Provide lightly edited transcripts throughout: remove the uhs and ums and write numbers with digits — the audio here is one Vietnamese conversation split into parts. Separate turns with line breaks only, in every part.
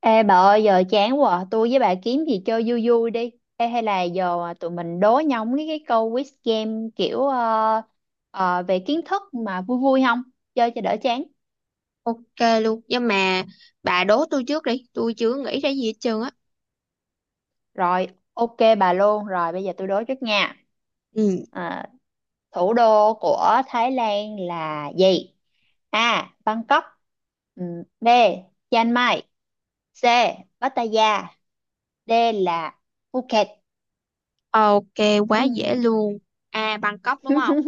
Ê bà ơi, giờ chán quá à. Tôi với bà kiếm gì chơi vui vui đi. Ê, hay là giờ tụi mình đố nhau mấy cái câu quiz game kiểu, về kiến thức mà vui vui không? Chơi cho đỡ chán.
Ok luôn. Nhưng mà bà đố tôi trước đi. Tôi chưa nghĩ ra gì hết trơn á.
Rồi, ok bà luôn. Rồi bây giờ tôi đố trước nha.
Ừ,
Ờ, Thủ đô của Thái Lan là gì? A. Bangkok. B. Chiang Mai. C. Pattaya. D là Phuket.
ok, quá dễ
Ừ,
luôn. À, Bangkok đúng không?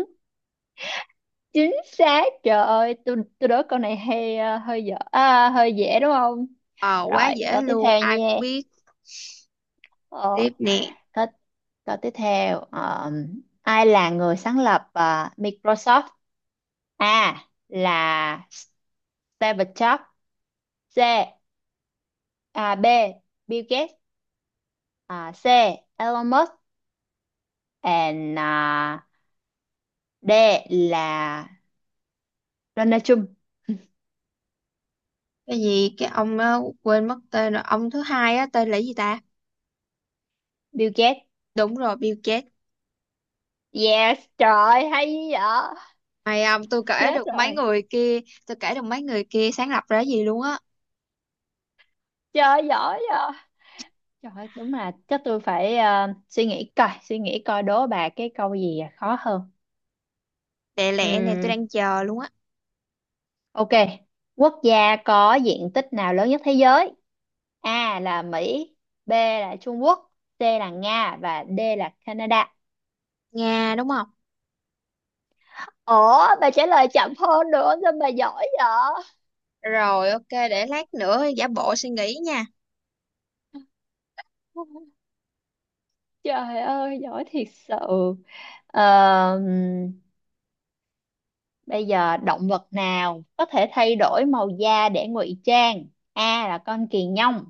chính xác. Trời ơi, tôi đố câu này hay hơi dở, à hơi dễ đúng không?
Ờ, quá
Rồi,
dễ
câu tiếp
luôn,
theo
ai cũng
nha.
biết.
ờ,
Tiếp nè.
câu, câu tiếp theo, ai là người sáng lập Microsoft? A là Steve Jobs. C B, Bill Gates. À, C, Elon Musk. and à, D là Donald Trump.
Cái gì cái ông á, quên mất tên rồi. Ông thứ hai á tên là gì ta?
Bill Gates.
Đúng rồi, Bill Gates.
Yes, trời ơi, hay dữ vậy.
Mày ông tôi kể
Chết
được mấy
rồi.
người kia. Tôi kể được mấy người kia sáng lập ra gì luôn á.
Trời ơi, giỏi vậy. Trời ơi, đúng là chắc tôi phải suy nghĩ coi đố bà cái câu gì, à khó hơn.
Tệ lẹ này tôi
Ừm,
đang chờ luôn á.
ok. Quốc gia có diện tích nào lớn nhất thế giới? A là Mỹ, B là Trung Quốc, C là Nga và D là Canada.
Nga đúng không?
Ủa, bà trả lời chậm hơn nữa, sao bà giỏi vậy?
Rồi, ok, để lát nữa giả bộ suy nghĩ nha.
Trời ơi, giỏi thiệt sự. Ờ, Bây giờ động vật nào có thể thay đổi màu da để ngụy trang? A là con kỳ nhông,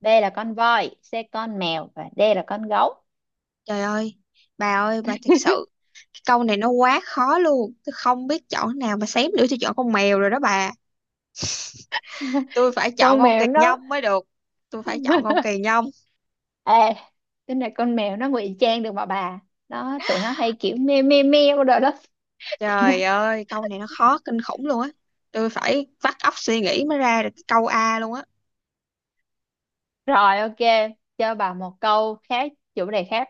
B là con voi, C con mèo và D là con gấu.
Trời ơi bà ơi, bà thật sự, câu này nó quá khó luôn, tôi không biết chọn nào mà xém nữa tôi chọn con mèo rồi đó bà. Tôi phải chọn
Con
con kỳ
mèo nó.
nhông mới được. Tôi phải chọn con kỳ nhông.
Ê, cái này con mèo nó ngụy trang được mà bà. Tụi nó hay kiểu meo meo meo đồ đó. Tụi nó-
Trời ơi câu này nó khó kinh khủng luôn á. Tôi phải vắt óc suy nghĩ mới ra được câu A luôn á.
Rồi, ok, cho bà một câu khác, chủ đề khác.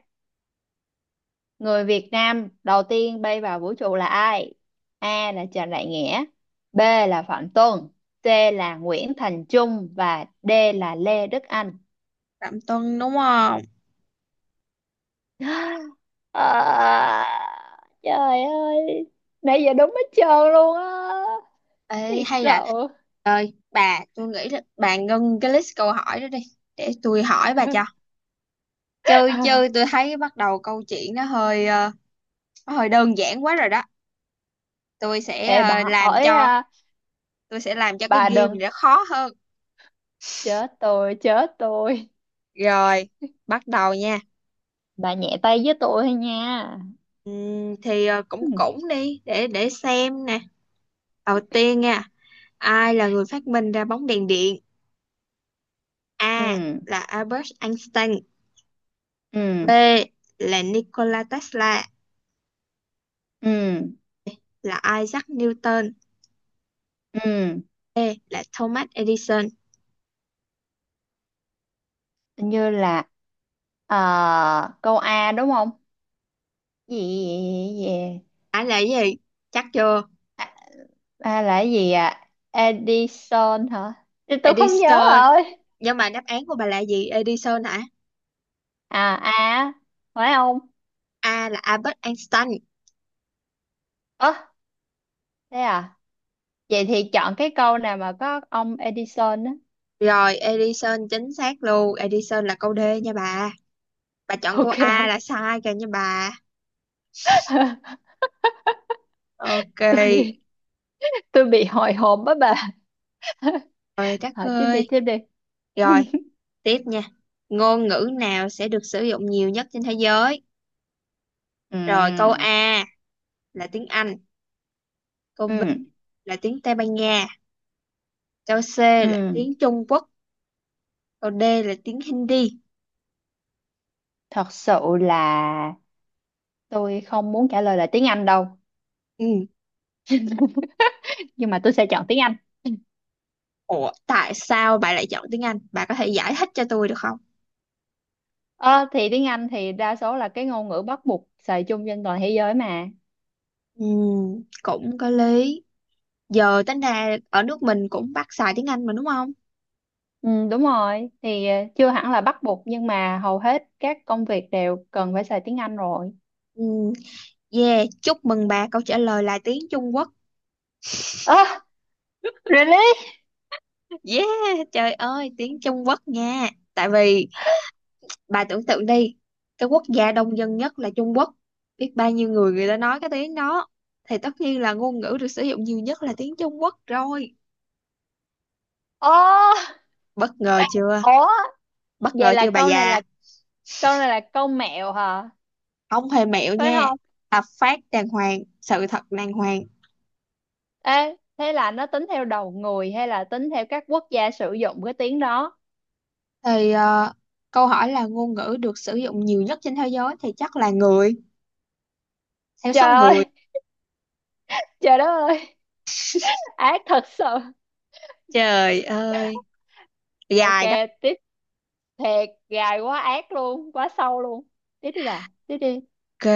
Người Việt Nam đầu tiên bay vào vũ trụ là ai? A là Trần Đại Nghĩa, B là Phạm Tuân, C là Nguyễn Thành Trung và D là Lê Đức Anh.
Phạm Tuân đúng không?
À, trời ơi, nãy giờ đúng hết trơn luôn á,
Ê,
thiệt
hay
sự.
là bà, tôi nghĩ là bà ngưng cái list câu hỏi đó đi, để tôi hỏi bà cho chơi chơi. Tôi thấy bắt đầu câu chuyện nó hơi nó hơi đơn giản quá rồi đó. Tôi sẽ
Ê, bà
làm
hỏi
cho,
à,
tôi sẽ làm cho cái
bà
game này
đừng
nó khó hơn.
chết tôi, chết tôi.
Rồi, bắt đầu nha.
Bà nhẹ tay với tôi thôi nha.
Thì cũng cũng đi để xem nè. Đầu tiên nha, ai là người phát minh ra bóng đèn điện? A
Ừ,
là Albert Einstein,
ừ,
B là Nikola Tesla,
ừ,
là Isaac Newton,
ừ. Ừ,
C là Thomas Edison.
như là câu A đúng không? gì gì
Ai là cái gì? Chắc chưa?
à, à, A là cái gì, à Edison hả? Thì tôi không nhớ
Edison.
rồi.
Nhưng mà đáp án của bà là gì? Edison hả?
À, A phải không?
A là Albert Einstein.
Ơ, thế à? Vậy thì chọn cái câu nào mà có ông Edison á.
Rồi, Edison chính xác luôn. Edison là câu D nha bà. Bà chọn câu
Ok.
A
Không.
là sai kìa nha bà. Ok,
tôi tôi bị hồi hộp á bà.
rồi Đắc
Hỏi tiếp đi,
ơi.
tiếp đi.
Rồi, tiếp nha. Ngôn ngữ nào sẽ được sử dụng nhiều nhất trên thế giới? Rồi, câu
Ừ,
A là tiếng Anh, câu B
ừ,
là tiếng Tây Ban Nha, câu C là
ừ,
tiếng Trung Quốc, câu D là tiếng Hindi.
thật sự là tôi không muốn trả lời là tiếng Anh đâu.
Ừ.
Nhưng mà tôi sẽ chọn tiếng Anh.
Ủa, tại sao bà lại chọn tiếng Anh? Bà có thể giải thích cho tôi được không?
Ờ, thì tiếng Anh thì đa số là cái ngôn ngữ bắt buộc xài chung trên toàn thế giới mà.
Ừ, cũng có lý. Giờ tính ra ở nước mình cũng bắt xài tiếng Anh mà đúng không?
Ừ, đúng rồi. Thì chưa hẳn là bắt buộc nhưng mà hầu hết các công việc đều cần phải xài tiếng Anh rồi.
Ừ, yeah, chúc mừng bà, câu trả lời là tiếng Trung Quốc.
Ơ, really?
Yeah, trời ơi, tiếng Trung Quốc nha. Tại vì bà tưởng tượng đi, cái quốc gia đông dân nhất là Trung Quốc. Biết bao nhiêu người người ta nói cái tiếng đó. Thì tất nhiên là ngôn ngữ được sử dụng nhiều nhất là tiếng Trung Quốc rồi.
Ồ,
Bất ngờ chưa?
ủa,
Bất
vậy
ngờ
là
chưa bà
câu này
già?
là câu này là câu mẹo hả?
Không hề mẹo
Phải
nha.
không?
Hợp pháp đàng hoàng, sự thật đàng hoàng.
Ê, thế là nó tính theo đầu người hay là tính theo các quốc gia sử dụng cái tiếng đó?
Thì câu hỏi là ngôn ngữ được sử dụng nhiều nhất trên thế giới thì chắc là người, theo
Trời
số người.
ơi, trời đất ơi, ác thật sự.
Trời ơi,
Ok,
dài đó.
tiếp. Thiệt gài quá ác luôn, quá sâu luôn. Tiếp đi bà, tiếp đi.
Ok,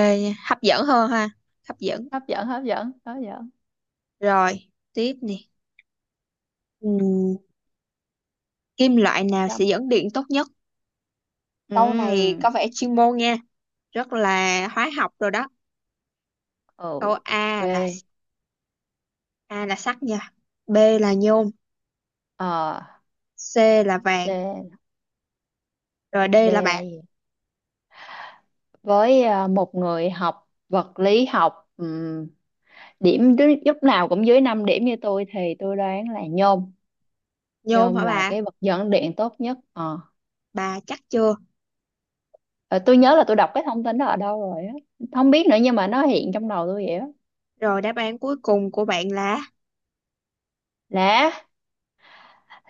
hấp dẫn hơn ha. Hấp dẫn.
Hấp dẫn, hấp dẫn, hấp dẫn.
Rồi, tiếp nè. Ừm, kim loại nào sẽ
Chăm.
dẫn điện tốt nhất? Câu này
Ừm,
có vẻ chuyên môn nha, rất là hóa học rồi đó. Câu
ok.
A là, A là sắt nha, B là nhôm,
ờ
C là vàng,
C,
rồi D
D
là
là
bạc.
gì? Với một người học vật lý học, lúc nào cũng dưới 5 điểm như tôi thì tôi đoán là nhôm.
Nhôm
Nhôm
hả
là
bà?
cái vật dẫn điện tốt nhất ờ
Bà chắc chưa?
Ờ, tôi nhớ là tôi đọc cái thông tin đó ở đâu rồi á, không biết nữa nhưng mà nó hiện trong đầu tôi vậy đó.
Rồi đáp án cuối cùng của bạn
Lá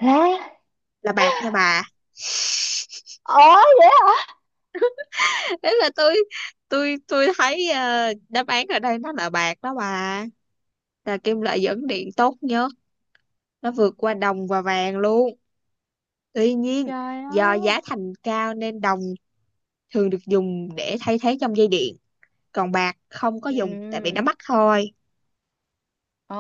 lá
là bạc nha bà.
Ồ,
Thế là tôi thấy đáp án ở đây nó là bạc đó bà. Là kim loại dẫn điện tốt nhất, nó vượt qua đồng và vàng luôn. Tuy nhiên,
trời
do
ơi.
giá thành cao nên đồng thường được dùng để thay thế trong dây điện, còn bạc không có dùng tại vì nó
Ừ.
mắc thôi.
Ồ,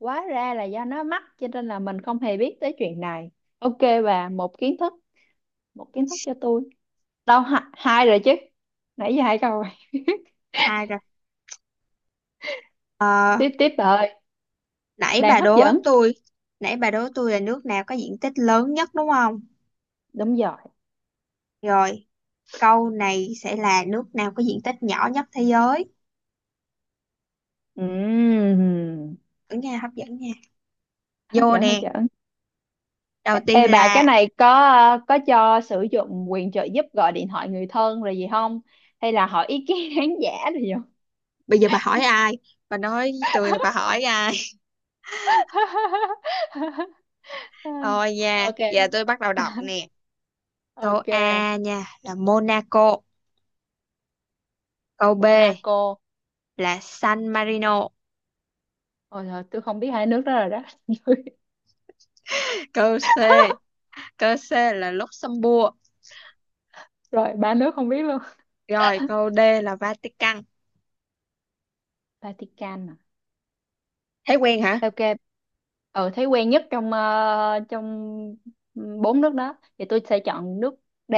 hóa ra là do nó mắc cho nên là mình không hề biết tới chuyện này. Ok bà, một kiến thức cho tôi. Đâu, hai, hai rồi chứ. Nãy giờ hai câu rồi.
À rồi,
Tiếp, tiếp bà ơi,
nãy
đang
bà
hấp
đố
dẫn.
tôi, nãy bà đố tôi là nước nào có diện tích lớn nhất đúng không?
Đúng rồi.
Rồi, câu này sẽ là nước nào có diện tích nhỏ nhất thế giới.
Ừm,
Ở nghe hấp dẫn nha.
Hấp
Vô
dẫn, hấp
nè,
dẫn.
đầu
Ê,
tiên
ê bà, cái
là
này có có cho sử dụng quyền trợ giúp gọi điện thoại người thân rồi gì không? Hay là hỏi ý kiến khán giả rồi gì không?
bây giờ bà hỏi ai? Bà nói với tôi là bà hỏi ai? Thôi nha, giờ
Ok.
tôi bắt đầu đọc nè. Câu
Ok.
A nha là Monaco, câu B
Monaco.
là San Marino,
Ôi trời, tôi không biết hai nước đó rồi đó.
câu C câu C là Luxembourg,
Rồi, ba nước không biết luôn.
rồi câu D là Vatican.
Vatican à?
Thấy quen hả?
Ok. Ừ, thấy quen nhất trong bốn nước đó. Thì tôi sẽ chọn nước D,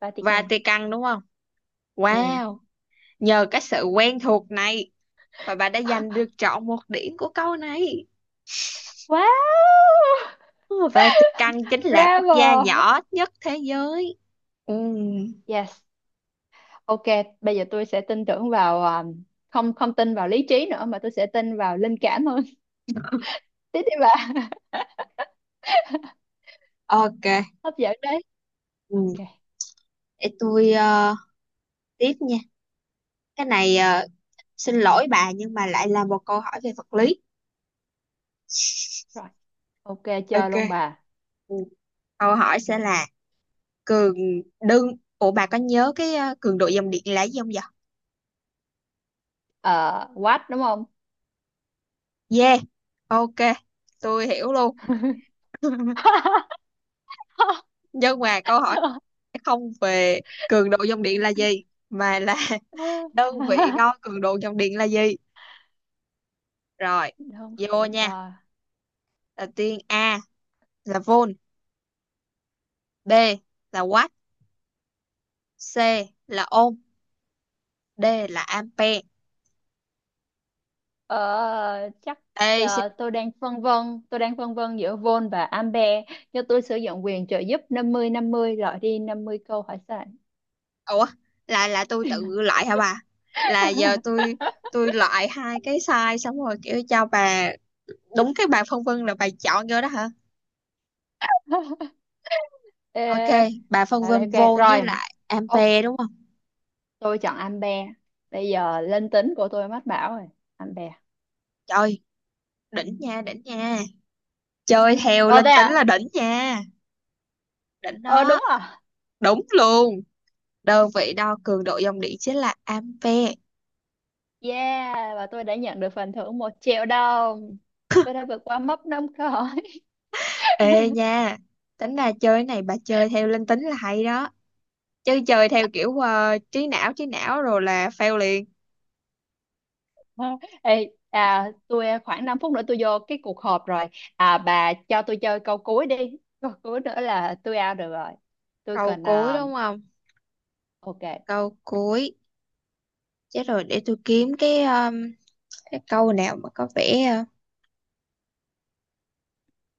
Vatican.
Vatican đúng không?
Ừ.
Wow, nhờ cái sự quen thuộc này mà bà đã giành được trọn một điểm của câu này.
Wow.
Ừ, Vatican chính là quốc gia
Bravo.
nhỏ nhất thế giới. Ừ,
Yes. Ok, bây giờ tôi sẽ tin tưởng vào không, không tin vào lý trí nữa mà tôi sẽ tin vào linh cảm hơn. Tiếp đi bà.
ok,
Hấp dẫn đấy.
ừ.
Ok
Để tôi tiếp nha. Cái này xin lỗi bà nhưng mà lại là một câu hỏi về vật lý.
rồi. Ok, chơi luôn
Ok.
bà.
Ừ. Câu hỏi sẽ là cường đơn. Ủa bà có nhớ cái cường độ dòng điện là gì không vậy?
Ờ, What đúng không?
Yeah. Ok. Tôi hiểu luôn. Nhưng mà câu hỏi
Trời ơi.
sẽ không về cường độ dòng điện là gì mà là đơn vị đo cường độ dòng điện là gì. Rồi,
Đơn
vô
vị
nha.
đo
Đầu tiên A là volt, B là watt, C là ohm, D là ampere.
ờ, chắc
Đây,
tôi đang phân vân giữa volt và ampere. Cho tôi sử dụng quyền trợ giúp 50-50, loại đi 50 câu hỏi sai.
ủa là tôi tự loại hả bà, là giờ tôi loại hai cái size xong rồi kiểu cho bà đúng cái bà phân vân là bà chọn vô đó hả.
Ê,
Ok, bà phân
ở đây
vân
ok
vô với
rồi.
lại
Ô,
ampere đúng không?
tôi chọn ampere. Bây giờ linh tính của tôi mách bảo rồi. Ampere.
Trời, đỉnh nha đỉnh nha, chơi theo
Ồ, thế
linh tính là
à?
đỉnh nha. Đỉnh
Ờ
đó,
Đúng rồi.
đúng luôn, đơn vị đo cường độ dòng điện chính là ampere.
Yeah, và tôi đã nhận được phần thưởng 1 triệu đồng. Tôi đã vượt qua mốc năm câu.
Ê nha, tính ra chơi cái này bà chơi theo linh tính là hay đó, chứ chơi theo kiểu trí não rồi là fail liền.
Ờ, Ê, tôi khoảng 5 phút nữa tôi vô cái cuộc họp rồi. À, bà cho tôi chơi câu cuối đi. Câu cuối nữa là tôi out được rồi. Tôi
Câu
cần,
cuối đúng không?
ok.
Câu cuối, chết rồi, để tôi kiếm cái câu nào mà có vẻ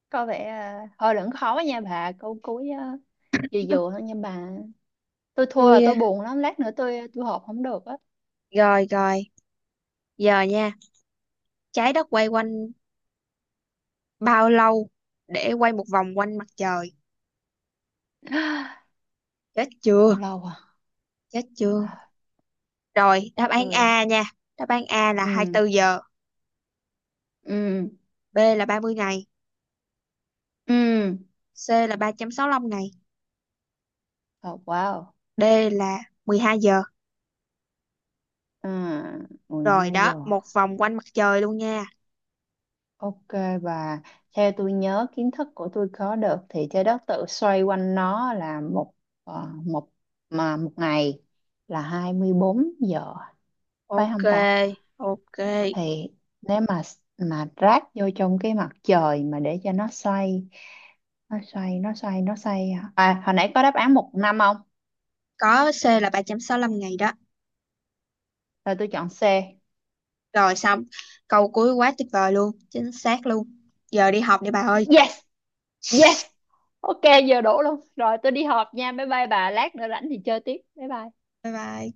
Có vẻ hơi lẫn khó nha bà. Câu cuối à, vừa vừa thôi nha bà. Tôi thua là
tôi
tôi buồn lắm. Lát nữa tôi họp không được á.
rồi rồi, giờ nha, trái đất quay quanh bao lâu để quay một vòng quanh mặt trời. Chết chưa?
Bao lâu à?
Chết chưa? Rồi, đáp án
Tôi,
A nha, đáp án A là
ừ,
24 giờ,
ừ,
B là 30 ngày,
ừ.
C là 365 ngày,
Oh, wow.
D là 12 giờ.
À, ừ, mười
Rồi
hai
đó,
giờ.
một vòng quanh mặt trời luôn nha.
Ok bà, theo tôi nhớ kiến thức của tôi có được thì trái đất tự xoay quanh nó là một ờ, một mà một ngày là 24 giờ phải
Ok,
không ta?
ok,
Thì nếu mà ráp vô trong cái mặt trời mà để cho nó xoay, nó xoay nó xoay nó xoay hả? À, hồi nãy có đáp án một năm không?
có C là 365 ngày đó.
Rồi, tôi chọn C.
Rồi xong, câu cuối quá tuyệt vời luôn, chính xác luôn. Giờ đi học đi bà ơi.
Yes, yes. Ok, giờ đủ luôn. Rồi tôi đi họp nha. Bye bye bà, lát nữa rảnh thì chơi tiếp. Bye bye.
Bye bye.